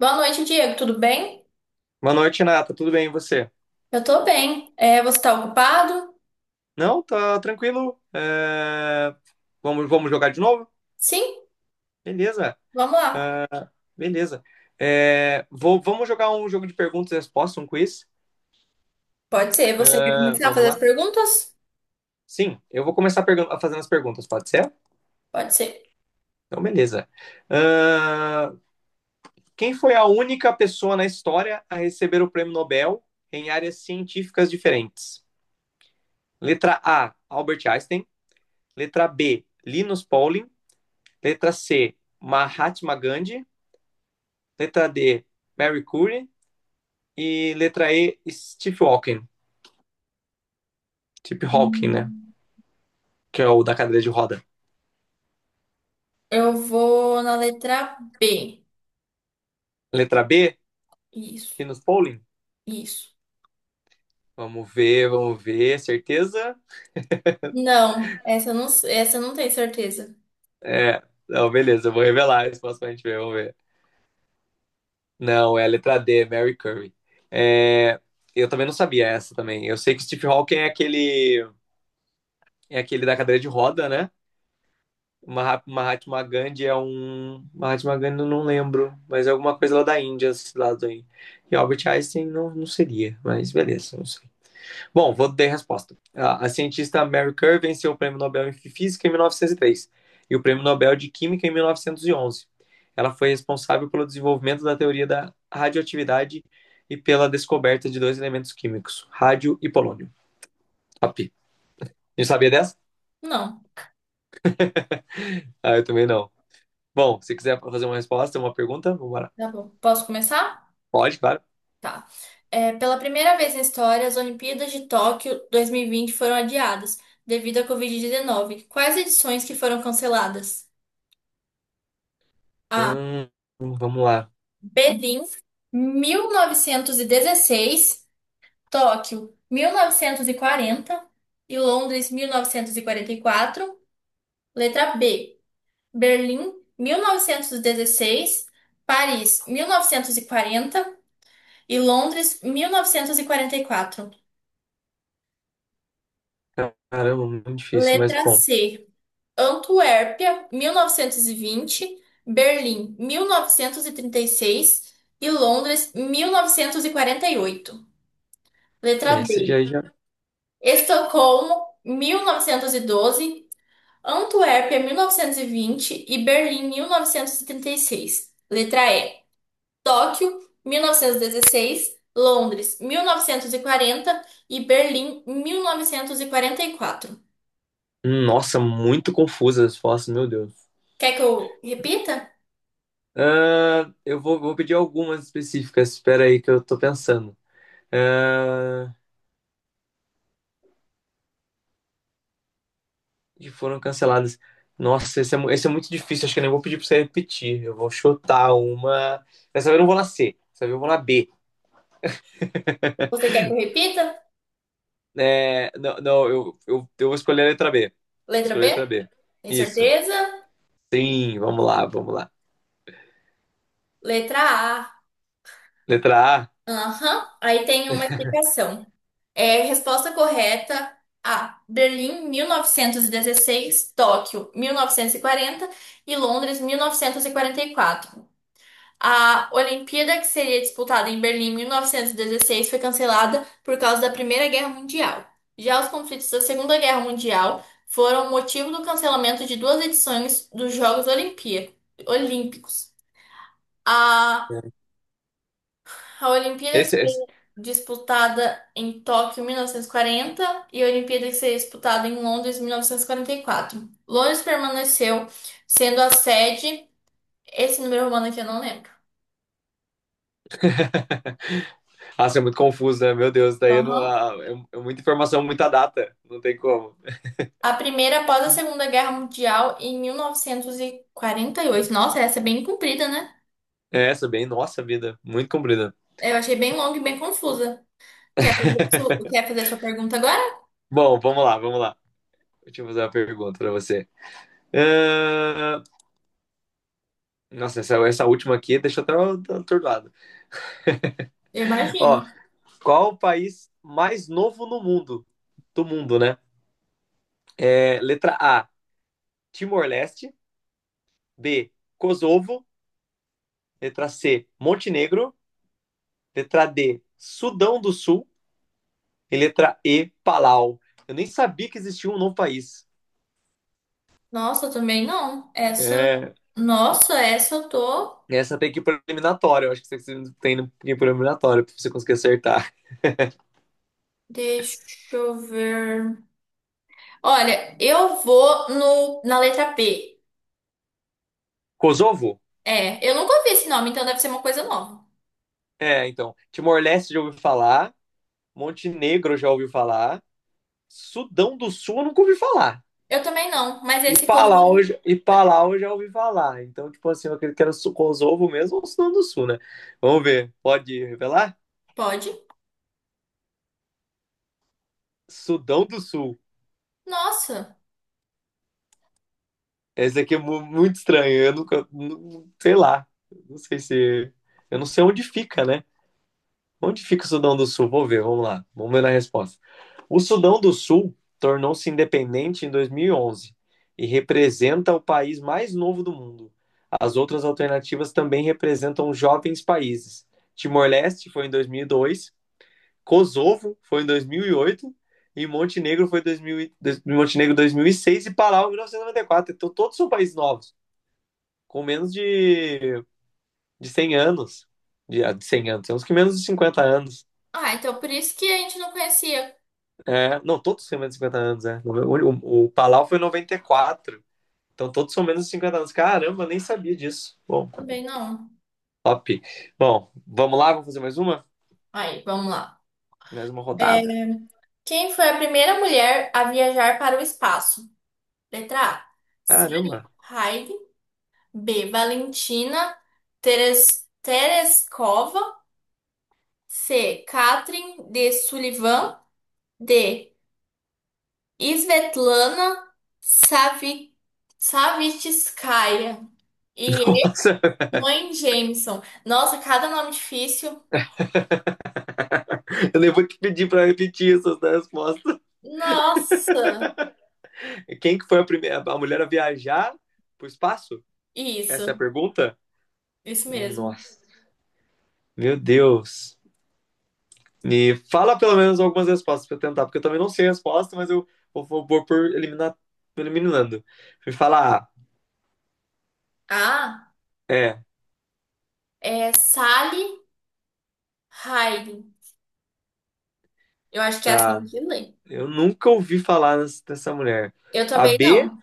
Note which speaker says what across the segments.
Speaker 1: Boa noite, Diego. Tudo bem?
Speaker 2: Boa noite, Nata. Tudo bem, e você?
Speaker 1: Eu tô bem. É, você tá ocupado?
Speaker 2: Não, tá tranquilo. Vamos, vamos jogar de novo?
Speaker 1: Sim,
Speaker 2: Beleza,
Speaker 1: vamos lá.
Speaker 2: beleza. Vamos jogar um jogo de perguntas e respostas, um quiz?
Speaker 1: Pode ser. Você quer
Speaker 2: É,
Speaker 1: começar a
Speaker 2: vamos
Speaker 1: fazer as
Speaker 2: lá?
Speaker 1: perguntas?
Speaker 2: Sim, eu vou começar fazendo as perguntas, pode ser?
Speaker 1: Pode ser.
Speaker 2: Então, beleza. Ah, quem foi a única pessoa na história a receber o prêmio Nobel em áreas científicas diferentes? Letra A, Albert Einstein. Letra B, Linus Pauling. Letra C, Mahatma Gandhi. Letra D, Mary Curie, e letra E, Steve Hawking, Steve Hawking, né?
Speaker 1: Hum,
Speaker 2: Que é o da cadeira de roda.
Speaker 1: Eu vou na letra B.
Speaker 2: Letra B,
Speaker 1: Isso,
Speaker 2: Linus Pauling.
Speaker 1: isso.
Speaker 2: Vamos ver, certeza?
Speaker 1: Não, essa eu não tenho certeza.
Speaker 2: É, não, beleza, eu vou revelar a resposta pra gente ver, vamos ver. Não, é a letra D, Mary Curie. Eu também não sabia essa também. Eu sei que Steve Hawking é aquele da cadeira de roda, né? Mahatma Gandhi é um. Mahatma Gandhi eu não lembro, mas é alguma coisa lá da Índia, esse lado aí. E Albert Einstein não, não seria, mas beleza, não sei. Bom, vou dar a resposta. A cientista Mary Kerr venceu o Prêmio Nobel em Física em 1903 e três e o Prêmio Nobel de Química em 1911. Ela foi responsável pelo desenvolvimento da teoria da radioatividade e pela descoberta de dois elementos químicos, rádio e polônio. Top. Não sabia dessa?
Speaker 1: Não.
Speaker 2: Ah, eu também não. Bom, se quiser fazer uma resposta, uma pergunta, vamos lá.
Speaker 1: Tá bom. Posso começar?
Speaker 2: Pode, claro.
Speaker 1: Tá. É, pela primeira vez na história, as Olimpíadas de Tóquio 2020 foram adiadas devido à Covid-19. Quais edições que foram canceladas? A,
Speaker 2: Hum, vamos lá.
Speaker 1: Berlim, 1916, Tóquio, 1940 e Londres, mil novecentos e quarenta e quatro. Letra B, Berlim, 1916, Paris, 1940 e Londres, mil novecentos e quarenta e quatro.
Speaker 2: Caramba, muito difícil, mas
Speaker 1: Letra
Speaker 2: bom.
Speaker 1: C, Antuérpia, 1920, Berlim, mil novecentos e trinta e seis e Londres, mil novecentos e quarenta e oito. Letra
Speaker 2: Essa
Speaker 1: D.
Speaker 2: já, já.
Speaker 1: Estocolmo, 1912, Antuérpia, mil novecentos e vinte e Berlim, 1936. Letra E. Tóquio, 1916, Londres, 1940 e Berlim, mil novecentos e quarenta e quatro.
Speaker 2: Nossa, muito confusas as fotos, meu Deus.
Speaker 1: Quer que eu repita?
Speaker 2: Eu vou pedir algumas específicas. Espera aí que eu tô pensando. Ah, que foram canceladas. Nossa, esse é, mu- esse é muito difícil. Acho que eu nem vou pedir pra você repetir. Eu vou chutar uma. Dessa vez eu não vou na C. Dessa vez eu vou na B.
Speaker 1: Você quer que eu repita?
Speaker 2: É, não, não, eu vou escolher a letra B. Vou
Speaker 1: Letra
Speaker 2: escolher a letra
Speaker 1: B?
Speaker 2: B.
Speaker 1: Tem
Speaker 2: Isso.
Speaker 1: certeza?
Speaker 2: Sim, vamos lá, vamos lá.
Speaker 1: Letra A.
Speaker 2: Letra
Speaker 1: Aham, aí tem uma explicação. É, resposta correta A. Berlim, 1916, Tóquio, mil novecentos e quarenta e Londres, mil novecentos e quarenta e quatro. A Olimpíada que seria disputada em Berlim em 1916 foi cancelada por causa da Primeira Guerra Mundial. Já os conflitos da Segunda Guerra Mundial foram motivo do cancelamento de duas edições dos Jogos Olimpí- Olímpicos. A,
Speaker 2: A.
Speaker 1: a Olimpíada
Speaker 2: Esse, esse...
Speaker 1: disputada em Tóquio em 1940 e a Olimpíada que seria disputada em Londres em mil novecentos e quarenta e quatro, Londres permaneceu sendo a sede, esse número romano aqui eu não lembro.
Speaker 2: Nossa, é muito confuso, né? Meu Deus, daí eu não-
Speaker 1: Aham.
Speaker 2: ah, é, é muita informação, muita data. Não tem como.
Speaker 1: A primeira após a Segunda Guerra Mundial em mil novecentos e quarenta e oito. Nossa, essa é bem comprida, né?
Speaker 2: É, essa é bem, nossa vida, muito comprida.
Speaker 1: Eu achei bem longa e bem confusa. Quer fazer a sua, quer fazer a sua pergunta agora?
Speaker 2: Bom, vamos lá, vamos lá. Deixa eu fazer uma pergunta pra você. Ah, Nossa, essa última aqui deixa eu até atordoado.
Speaker 1: Eu imagino.
Speaker 2: Ó, qual o país mais novo no mundo? Do mundo, né? É, letra A, Timor-Leste. B, Kosovo. Letra C, Montenegro. Letra D, Sudão do Sul. E letra E, Palau. Eu nem sabia que existia um novo país.
Speaker 1: Nossa, eu também não. Essa.
Speaker 2: É,
Speaker 1: Nossa, essa eu tô.
Speaker 2: essa tem que ir para eliminatória. Eu acho que você tem que ir para eliminatória para você conseguir acertar.
Speaker 1: Deixa eu ver. Olha, eu vou no, na letra P.
Speaker 2: Kosovo?
Speaker 1: É, eu nunca ouvi esse nome, então deve ser uma coisa nova.
Speaker 2: É, então. Timor-Leste já ouviu falar. Montenegro já ouviu falar. Sudão do Sul eu nunca ouvi falar.
Speaker 1: Eu também não, mas esse cotovelo
Speaker 2: E Palau eu já ouvi falar. Então, tipo assim, eu acredito que era Kosovo mesmo ou Sudão do Sul, né? Vamos ver. Pode revelar?
Speaker 1: pode?
Speaker 2: Sudão do Sul.
Speaker 1: Nossa.
Speaker 2: Esse aqui é muito estranho. Eu nunca. Sei lá. Não sei se. Eu não sei onde fica, né? Onde fica o Sudão do Sul? Vou ver, vamos lá. Vamos ver na resposta. O Sudão do Sul tornou-se independente em 2011 e representa o país mais novo do mundo. As outras alternativas também representam jovens países. Timor-Leste foi em 2002, Kosovo foi em 2008 e oito e Montenegro foi em 2000, e- dois- Montenegro 2006 e Palau em 1994. Então todos são países novos com menos de 100 anos. De 100 anos, tem uns que menos de 50 anos.
Speaker 1: Ah, então por isso que a gente não conhecia.
Speaker 2: É, não, todos têm menos de 50 anos, é. O Palau foi em noventa e quatro. Então todos são menos de 50 anos. Caramba, eu nem sabia disso. Bom,
Speaker 1: Também não.
Speaker 2: top. Bom, vamos lá, vamos fazer mais uma?
Speaker 1: Aí, vamos lá.
Speaker 2: Mais uma
Speaker 1: É,
Speaker 2: rodada.
Speaker 1: quem foi a primeira mulher a viajar para o espaço? Letra A. Sally
Speaker 2: Caramba.
Speaker 1: Ride. B. Valentina Teres- Tereskova. C. Catherine de Sullivan. D. Svetlana Savi- Savitskaya e
Speaker 2: Nossa,
Speaker 1: mãe Jameson. Nossa, cada nome difícil.
Speaker 2: eu nem vou te pedir para repetir essas respostas.
Speaker 1: Nossa,
Speaker 2: Quem que foi a primeira a mulher a viajar pro espaço? Essa
Speaker 1: isso,
Speaker 2: é a pergunta?
Speaker 1: isso mesmo.
Speaker 2: Nossa, meu Deus. E fala pelo menos algumas respostas pra eu tentar, porque eu também não sei a resposta, mas eu vou por eliminar, eliminando. Me fala A.
Speaker 1: Ah,
Speaker 2: É,
Speaker 1: é Sally Ride. Eu acho que é assim
Speaker 2: tá.
Speaker 1: que lê.
Speaker 2: Eu nunca ouvi falar dessa mulher.
Speaker 1: Eu
Speaker 2: A
Speaker 1: também
Speaker 2: B,
Speaker 1: não.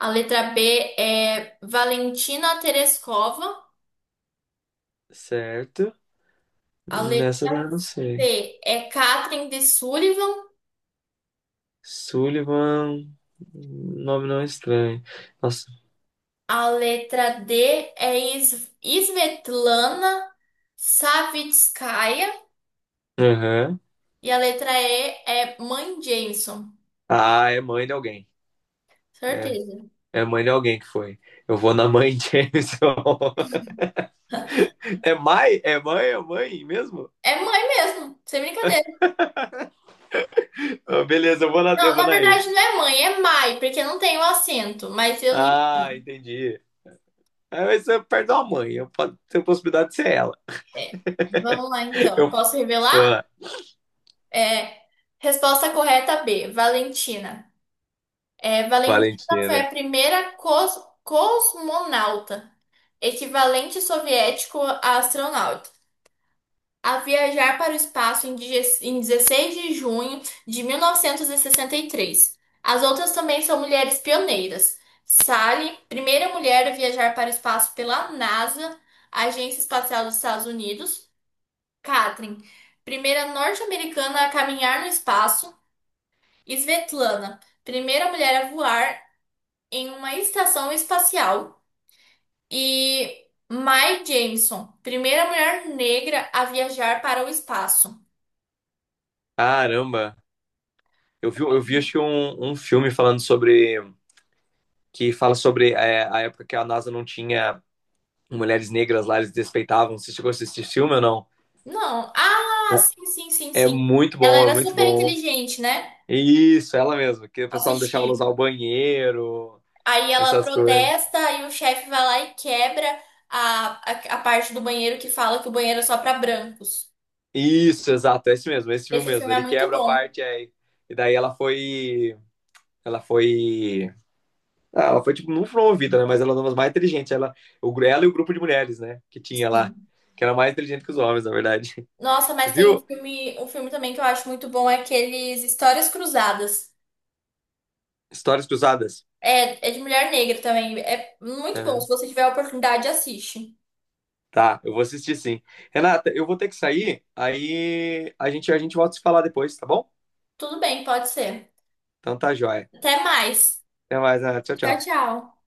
Speaker 1: A letra B é Valentina Tereskova.
Speaker 2: certo.
Speaker 1: A
Speaker 2: Nessa
Speaker 1: letra
Speaker 2: eu não sei.
Speaker 1: C é Catherine de Sullivan.
Speaker 2: Sullivan, nome não é estranho. Nossa.
Speaker 1: A letra D é Is- Svetlana Savitskaya.
Speaker 2: Aham.
Speaker 1: E a letra E é Mãe Jameson.
Speaker 2: Ah, é mãe de alguém. É,
Speaker 1: Certeza.
Speaker 2: é mãe de alguém que foi. Eu vou na mãe de Jameson. É mãe? É mãe? É mãe mesmo?
Speaker 1: É mãe mesmo, sem brincadeira.
Speaker 2: Ah, beleza,
Speaker 1: Não,
Speaker 2: eu vou
Speaker 1: na
Speaker 2: na E.
Speaker 1: verdade não é mãe, é mãe porque não tem o acento, mas eu li
Speaker 2: Ah,
Speaker 1: mãe.
Speaker 2: entendi. Ah, mas você perde uma mãe, eu posso ter a possibilidade de ser ela.
Speaker 1: É. Vamos lá então.
Speaker 2: Eu,
Speaker 1: Posso
Speaker 2: pô,
Speaker 1: revelar? É, resposta correta B, Valentina. É, Valentina foi a
Speaker 2: Valentina.
Speaker 1: primeira cos- cosmonauta, equivalente soviético a astronauta, a viajar para o espaço em die- em 16 de junho de 1963. As outras também são mulheres pioneiras. Sally, primeira mulher a viajar para o espaço pela NASA, Agência Espacial dos Estados Unidos. Katrin, primeira norte-americana a caminhar no espaço. Svetlana, primeira mulher a voar em uma estação espacial. E Mae Jemison, primeira mulher negra a viajar para o espaço.
Speaker 2: Caramba, eu vi acho que um filme falando que fala sobre a época que a NASA não tinha mulheres negras lá, eles desrespeitavam. Você chegou a assistir esse filme ou não?
Speaker 1: Não. Ah, sim, sim, sim,
Speaker 2: É
Speaker 1: sim.
Speaker 2: muito
Speaker 1: Ela
Speaker 2: bom, é
Speaker 1: era
Speaker 2: muito
Speaker 1: super
Speaker 2: bom.
Speaker 1: inteligente, né?
Speaker 2: Isso, ela mesma, que o pessoal não deixava ela usar
Speaker 1: Assisti.
Speaker 2: o banheiro,
Speaker 1: Aí ela
Speaker 2: essas coisas.
Speaker 1: protesta e o chefe vai lá e quebra a, a, a parte do banheiro que fala que o banheiro é só pra brancos.
Speaker 2: Isso, exato, é esse mesmo, é esse filme
Speaker 1: Esse
Speaker 2: mesmo.
Speaker 1: filme é
Speaker 2: Ele
Speaker 1: muito
Speaker 2: quebra a
Speaker 1: bom.
Speaker 2: parte aí. E daí ela foi. Ela foi. Ah, ela foi, tipo, não promovida, né? Mas ela era uma das mais inteligentes. Ela e o grupo de mulheres, né? Que tinha lá.
Speaker 1: Sim.
Speaker 2: Que era mais inteligente que os homens, na verdade.
Speaker 1: Nossa, mas tem
Speaker 2: Viu?
Speaker 1: um filme também que eu acho muito bom, é aqueles Histórias Cruzadas.
Speaker 2: Histórias cruzadas.
Speaker 1: É, é de mulher negra também. É muito bom. Se
Speaker 2: Aham.
Speaker 1: você tiver a oportunidade, assiste.
Speaker 2: Tá, eu vou assistir sim. Renata, eu vou ter que sair. Aí a gente volta a se falar depois, tá bom?
Speaker 1: Tudo bem, pode ser.
Speaker 2: Então tá joia.
Speaker 1: Até mais.
Speaker 2: Até mais, Renata. Tchau,
Speaker 1: Tchau,
Speaker 2: tchau.
Speaker 1: tchau.